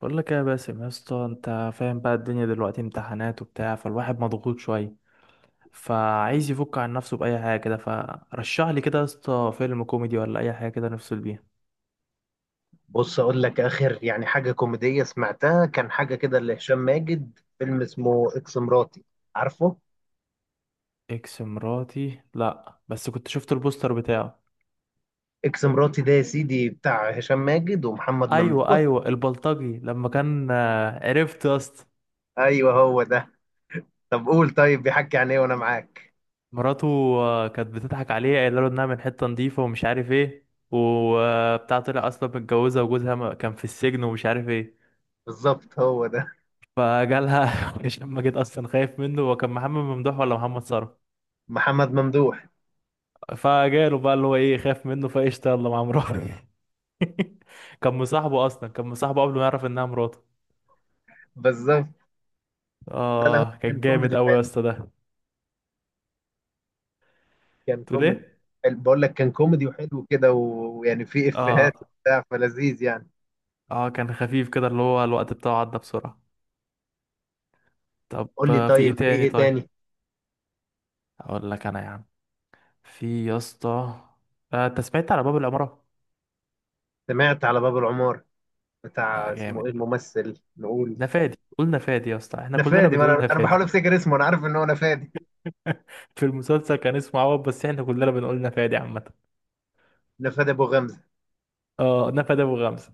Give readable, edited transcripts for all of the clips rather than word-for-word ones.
بقول لك إيه يا باسم يا اسطى، انت فاهم بقى الدنيا دلوقتي امتحانات وبتاع، فالواحد مضغوط شويه فعايز يفك عن نفسه باي حاجه كده. فرشح لي كده يا اسطى فيلم كوميدي ولا اي حاجه كده نفصل بيها. بص اقول لك، اخر يعني حاجه كوميديه سمعتها كان حاجه كده لهشام ماجد. فيلم اسمه اكس مراتي. عارفه. اكس مراتي؟ لا بس كنت شفت البوستر بتاعه. اكس مراتي ده يا سيدي بتاع هشام ماجد ومحمد ايوه ممدوح. ايوه البلطجي لما كان، عرفت يا اسطى. ايوه هو ده. طب قول، طيب بيحكي عن ايه وانا معاك. مراته. كانت بتضحك عليه قايله له انها من حته نظيفه ومش عارف ايه وبتاع، طلع اصلا متجوزه وجوزها كان في السجن ومش عارف ايه. بالظبط هو ده. فجالها. هشام ماجد اصلا خايف منه. هو كان محمد ممدوح ولا محمد ثروت؟ محمد ممدوح. فجاله بقى اللي هو ايه، خايف منه، فقشطه يلا مع مراته. كان مصاحبه اصلا، كان مصاحبه قبل ما يعرف انها مراته. بالظبط. لا لا، هو اه كان كان جامد كوميدي قوي يا حلو. اسطى ده. كان تقول كوميدي ايه؟ حلو. بقول لك كان كوميدي وحلو كده و- ويعني فيه افيهات اه. وبتاع، فلذيذ يعني. اه كان خفيف كده، اللي هو الوقت بتاعه عدى بسرعه. طب قول لي في طيب، ايه في تاني ايه طيب؟ تاني؟ اقول لك انا يا عم، في يا اسطى، انت سمعت على باب العماره؟ سمعت على باب العمارة. لا بتاع اسمه جامد. ايه الممثل نقول؟ نفادي، قلنا فادي يا اسطى، احنا كلنا نفادي. ما بنقول انا نفادي. بحاول افتكر اسمه، انا عارف ان هو نفادي. في المسلسل كان اسمه عوض بس احنا كلنا بنقول نفادي عامة. نفادي ابو غمزه. اه نفادي ابو غمزة.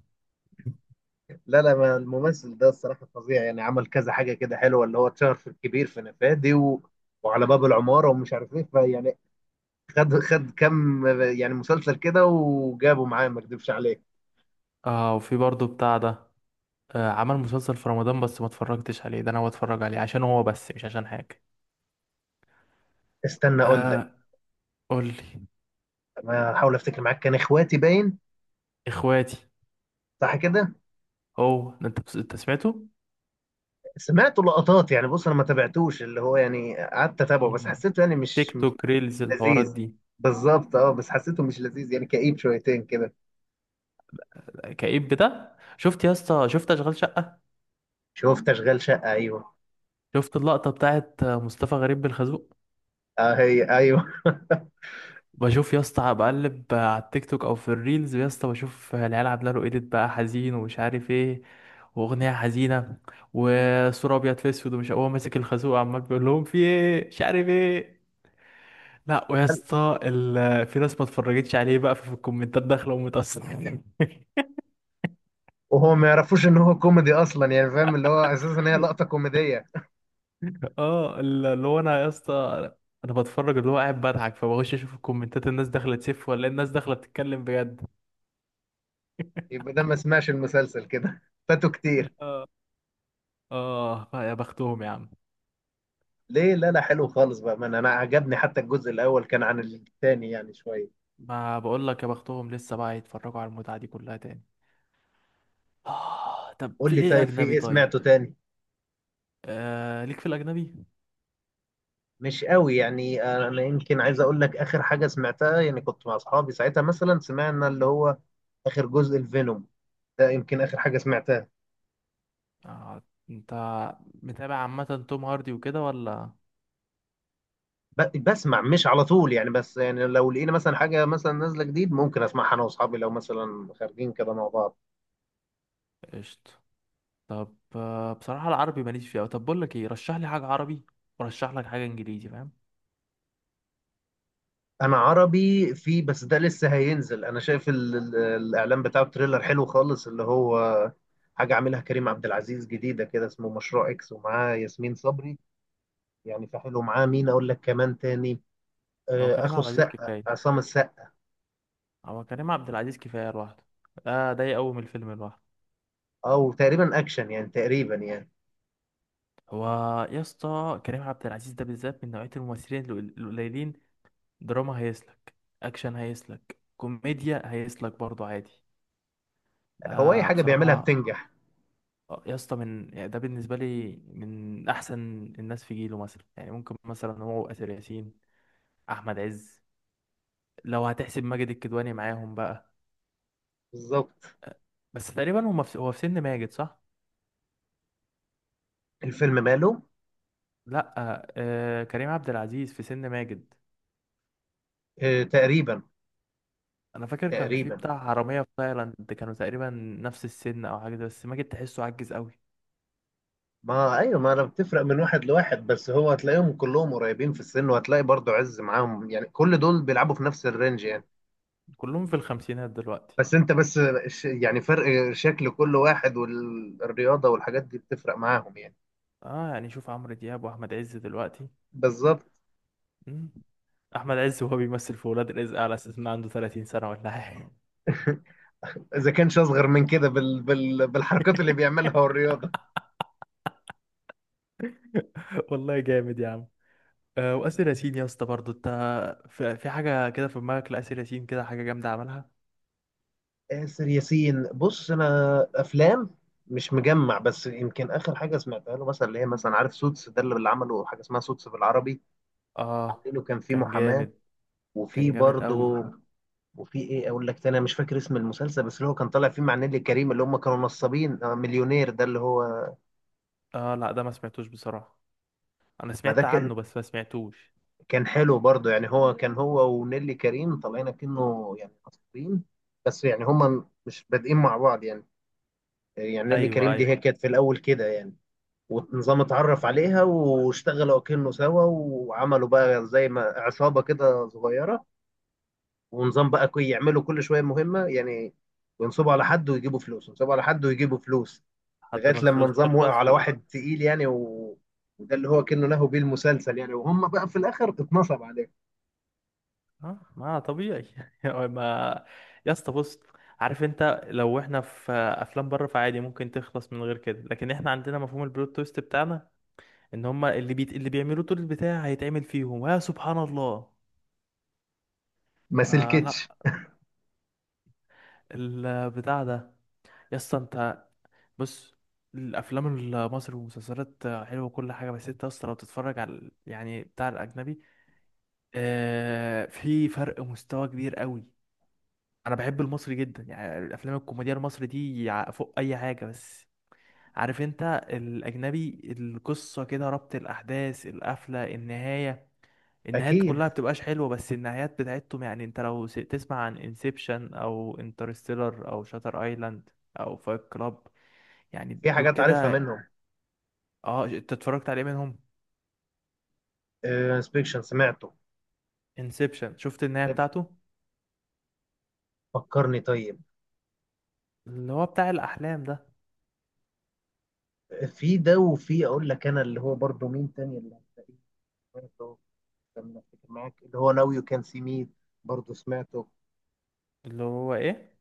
لا لا، ما الممثل ده الصراحه فظيع يعني. عمل كذا حاجه كده حلوه، اللي هو اتشهر في الكبير في نفادي وعلى باب العماره ومش عارف ايه، فيعني خد خد كم يعني مسلسل كده وجابه معاه، ما اكذبش عليك. اه. وفي برضه بتاع ده، آه، عمل مسلسل في رمضان بس ما اتفرجتش عليه، ده انا بتفرج عليه عشان هو بس مش عشان حاجة. استنى اقول لك. آه. قول لي. انا احاول افتكر معاك، كان اخواتي باين. اخواتي. صح كده. هو ده. انت سمعته. سمعت لقطات يعني، بص انا ما تابعتوش، اللي هو يعني قعدت اتابعه بس مم. حسيته يعني تيك مش توك ريلز الحوارات لذيذ. دي. بالظبط، اه، بس حسيته مش لذيذ يعني، كئيب شويتين كده. كئيب؟ ده شفت يا اسطى، شفت اشغال شقة؟ شفت اشغال شقه، ايوه. شفت اللقطة بتاعت مصطفى غريب بالخازوق؟ اه، هي ايوه بشوف يا اسطى، بقلب على التيك توك او في الريلز يا اسطى، بشوف العيال عامله له ايديت بقى حزين ومش عارف ايه، واغنيه حزينه وصوره ابيض في اسود، ومش هو ماسك الخازوق عمال بيقول لهم في ايه مش عارف ايه. لا ويا اسطى في ناس ما اتفرجتش عليه بقى، في الكومنتات داخله ومتأثرة. وهو ما يعرفوش ان هو كوميدي اصلا يعني، فاهم؟ اللي هو اساسا هي لقطه كوميديه. اه اللي هو انا يا اسطى، انا بتفرج اللي هو قاعد بضحك، فبخش اشوف الكومنتات، الناس داخله تسف ولا الناس داخله بتتكلم بجد. يبقى ده ما سمعش المسلسل كده فاتوا كتير. اه. اه يا بختهم يا عم. ليه؟ لا لا، حلو خالص بقى. من انا عجبني حتى الجزء الاول كان عن الثاني يعني شويه. ما بقول لك يا بختهم، لسه بقى يتفرجوا على المتعة دي كلها تاني. آه طب قول في لي ايه طيب، في اجنبي ايه طيب؟ سمعته تاني؟ آه ليك في الاجنبي؟ مش قوي يعني. انا يمكن عايز اقول لك اخر حاجه سمعتها يعني. كنت مع اصحابي ساعتها مثلا، سمعنا اللي هو اخر جزء الفينوم. ده يمكن اخر حاجه سمعتها. آه. انت متابع عامة توم هاردي وكده ولا؟ بسمع مش على طول يعني، بس يعني لو لقينا مثلا حاجة مثلا نازلة جديد ممكن اسمعها انا واصحابي، لو مثلا خارجين كده مع بعض. قشطة. طب آه بصراحة العربي ماليش فيه أوي. طب بقول لك ايه، رشح لي حاجة عربي ورشح لك حاجة انجليزي، فاهم؟ انا عربي في، بس ده لسه هينزل. انا شايف ال ال الاعلان بتاعه، تريلر حلو خالص. اللي هو حاجة عاملها كريم عبد العزيز جديدة كده، اسمه مشروع اكس، ومعاه ياسمين صبري يعني. فحلو، معاه مين اقول لك كمان تاني؟ هو كريم اخو عبد العزيز السقا، كفاية. عصام السقا. هو كريم عبد العزيز كفاية لوحده. ده يقوم الفيلم لوحده. او تقريبا اكشن يعني، تقريبا يعني. هو يا اسطى كريم عبد العزيز ده بالذات من نوعية الممثلين القليلين. دراما هيسلك، اكشن هيسلك، كوميديا هيسلك برضو عادي. هو اي آه حاجة بيعملها بصراحة. بتنجح. يا اسطى من يعني ده بالنسبة لي من احسن الناس في جيله. مثلا يعني ممكن مثلا هو اسر ياسين، احمد عز، لو هتحسب ماجد الكدواني معاهم بقى. بالظبط. آه، بس تقريبا هما في، هو في سن ماجد صح؟ الفيلم ماله. لا كريم عبد العزيز في سن ماجد. تقريبا. انا فاكر كان في تقريبا. بتاع حرامية في تايلاند، كانوا تقريبا نفس السن او بس ماجد تحسه عجز قوي. ما ايوه، ما انا بتفرق من واحد لواحد، بس هو هتلاقيهم كلهم قريبين في السن، وهتلاقي برضو عز معاهم يعني، كل دول بيلعبوا في نفس الرينج يعني. كلهم في الخمسينات دلوقتي. بس انت بس، يعني فرق شكل كل واحد والرياضة والحاجات دي بتفرق معاهم يعني. اه يعني شوف عمرو دياب واحمد عز دلوقتي. بالظبط مم. احمد عز وهو بيمثل في ولاد رزق على اساس انه عنده 30 سنه ولا حاجه. اذا كانش اصغر من كده بالحركات اللي بيعملها والرياضه. والله جامد يا عم. آه واسر ياسين يا اسطى برضه، انت في حاجه كده في دماغك لاسر ياسين كده حاجه جامده عملها. آسر ياسين، بص انا افلام مش مجمع، بس يمكن اخر حاجه سمعتها له مثلا، اللي هي مثلا عارف سوتس ده، اللي عمله حاجه اسمها سوتس بالعربي. اه عامله كان في كان محاماه. جامد. وفي كان جامد قوي. برضه، وفي ايه اقول لك تاني؟ انا مش فاكر اسم المسلسل، بس اللي هو كان طالع فيه مع نيلي كريم، اللي هم كانوا نصابين. مليونير ده اللي هو. اه لا ده ما سمعتوش بصراحه، انا ما ده سمعت كان، عنه بس ما سمعتوش. كان حلو برضه يعني. هو كان هو ونيلي كريم طالعين كأنه يعني نصابين، بس يعني هم مش بادئين مع بعض يعني. يعني نيلي ايوه كريم ايوه. دي هي كانت في الاول كده يعني، ونظام اتعرف عليها واشتغلوا كأنه سوا، وعملوا بقى زي ما عصابة كده صغيرة. ونظام بقى يعملوا كل شوية مهمة يعني. ينصبوا على حد ويجيبوا فلوس، ينصبوا على حد ويجيبوا فلوس. لحد لغايه ما لما الفلوس نظام وقع تخلص. على واحد تقيل يعني وده اللي هو كأنه له بيه المسلسل يعني. وهم بقى في الاخر اتنصب عليه. اه ما طبيعي. ما، يا اسطى بص، عارف انت لو احنا في افلام بره فعادي ممكن تخلص من غير كده، لكن احنا عندنا مفهوم البلوت تويست بتاعنا، ان هما اللي اللي بيعملوا طول البتاع هيتعمل فيهم يا سبحان الله. ما فلا، سلكتش. البتاع ده. يا اسطى انت بص، الافلام المصري والمسلسلات حلوه وكل حاجه، بس انت اصلا لو تتفرج على يعني بتاع الاجنبي، آه في فرق مستوى كبير قوي. انا بحب المصري جدا يعني، الافلام الكوميديا المصري دي فوق اي حاجه، بس عارف انت، الاجنبي القصه كده، ربط الاحداث، القفله، النهايه. النهايات اكيد، كلها بتبقاش حلوه بس النهايات بتاعتهم يعني، انت لو تسمع عن انسبشن او انترستيلر او شاتر ايلاند او فايت كلاب، يعني في دول حاجات عارفها كده. منهم. اه. انت اتفرجت عليه منهم؟ انسبكشن سمعته. انسبشن شفت النهايه طيب، بتاعته؟ فكرني طيب. اللي هو بتاع الاحلام ده. في ده، وفي اقول لك انا اللي هو برضه مين تاني اللي هتلاقيه. سمعته. لما افتكر معاك، اللي هو ناو يو كان سي مي. برضه سمعته. اللي هو ايه،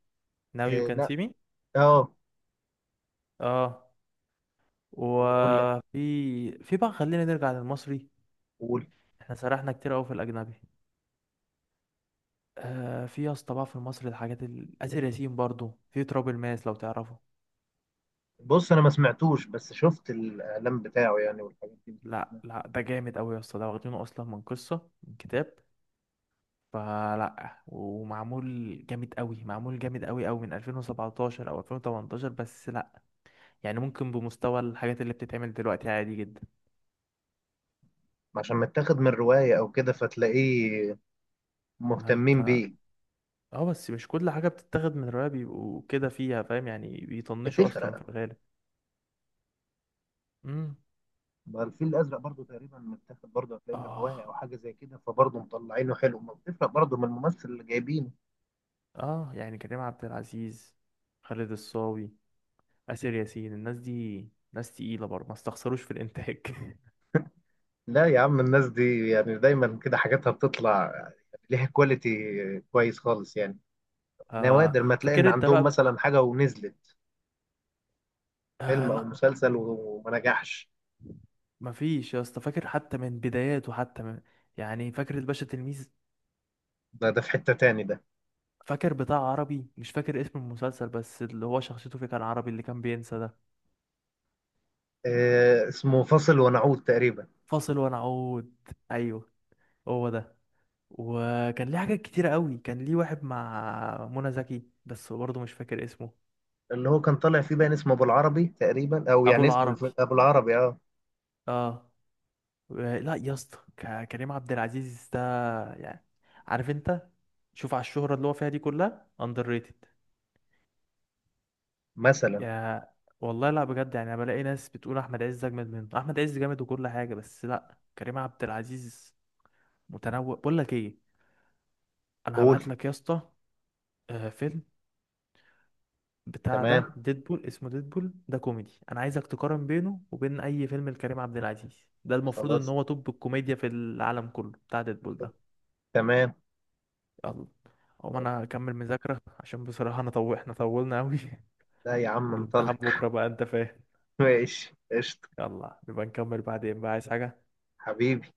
now you آه can لا. see me. اه. اه. واقول لك. وفي، في بقى خلينا نرجع للمصري، قول. احنا سرحنا كتير قوي في الاجنبي. آه في يا اسطى بقى في المصري الحاجات آسر ياسين برضو في تراب الماس لو تعرفه. بص انا ما سمعتوش، بس شفت الاعلان بتاعه يعني، والحاجات دي. لا لا ده جامد قوي يا اسطى، ده واخدينه اصلا من قصة من كتاب، فلا. ومعمول جامد قوي، معمول جامد قوي قوي من 2017 او 2018، بس لا يعني ممكن بمستوى الحاجات اللي بتتعمل دلوقتي عادي جدا. عشان متاخد من رواية أو كده، فتلاقيه ما مهتمين انت، بيه. اه بس مش كل حاجة بتتاخد من رواية بيبقوا كده فيها، فاهم يعني، بيطنشوا اصلا بتفرق. في الغالب. ما الفيل الأزرق برضو تقريبا متاخد، برضو هتلاقيه من رواية اه. أو حاجة زي كده، فبرضو مطلعينه حلو. ما بتفرق برضو من الممثل اللي جايبينه. اه يعني كريم عبد العزيز، خالد الصاوي، آسر ياسين، الناس دي ناس تقيلة برضه، ما استخسروش في الإنتاج. لا يا عم، الناس دي يعني دايما كده حاجاتها بتطلع ليها كواليتي كويس خالص يعني. آه نوادر ما تلاقي إن فاكر أنت عندهم بقى. مثلا حاجة ونزلت، آه فيلم أو لا مسلسل، وما نجحش. مفيش يا اسطى، فاكر حتى من بداياته، حتى من، يعني فاكر الباشا تلميذ. ده في حتة تاني ده. فاكر بتاع عربي مش فاكر اسم المسلسل، بس اللي هو شخصيته فيه كان عربي اللي كان بينسى ده. آه، اسمه فاصل ونعود تقريبا. فاصل ونعود، ايوه هو ده. وكان ليه حاجات كتيرة قوي، كان ليه واحد مع منى زكي بس برضه مش فاكر اسمه. اللي هو كان طالع فيه باين اسمه ابو العربي تقريبا، او ابو يعني اسم العربي. ابو العربي، اه. اه. لا يا اسطى، كريم عبد العزيز ده يعني، عارف انت، شوف على الشهرة اللي هو فيها دي، كلها اندر ريتد. مثلا. يا والله لا بجد يعني، انا بلاقي ناس بتقول احمد عز اجمد منه، احمد عز جامد وكل حاجة، بس لا كريم عبد العزيز متنوع. بقول لك ايه، انا قول. هبعت لك يا اسطى فيلم بتاع ده تمام. ديدبول، اسمه ديدبول ده كوميدي، انا عايزك تقارن بينه وبين اي فيلم لكريم عبد العزيز. ده المفروض ان خلاص. هو توب الكوميديا في العالم كله بتاع ديدبول ده. تمام. يلا هو طب. انا اكمل مذاكرة عشان بصراحة انا احنا طولنا قوي. لا يا عم والامتحان انطلق. بكرة بقى انت فاهم. ماشي قشطة. يلا نبقى نكمل بعدين بقى، عايز حاجة؟ حبيبي.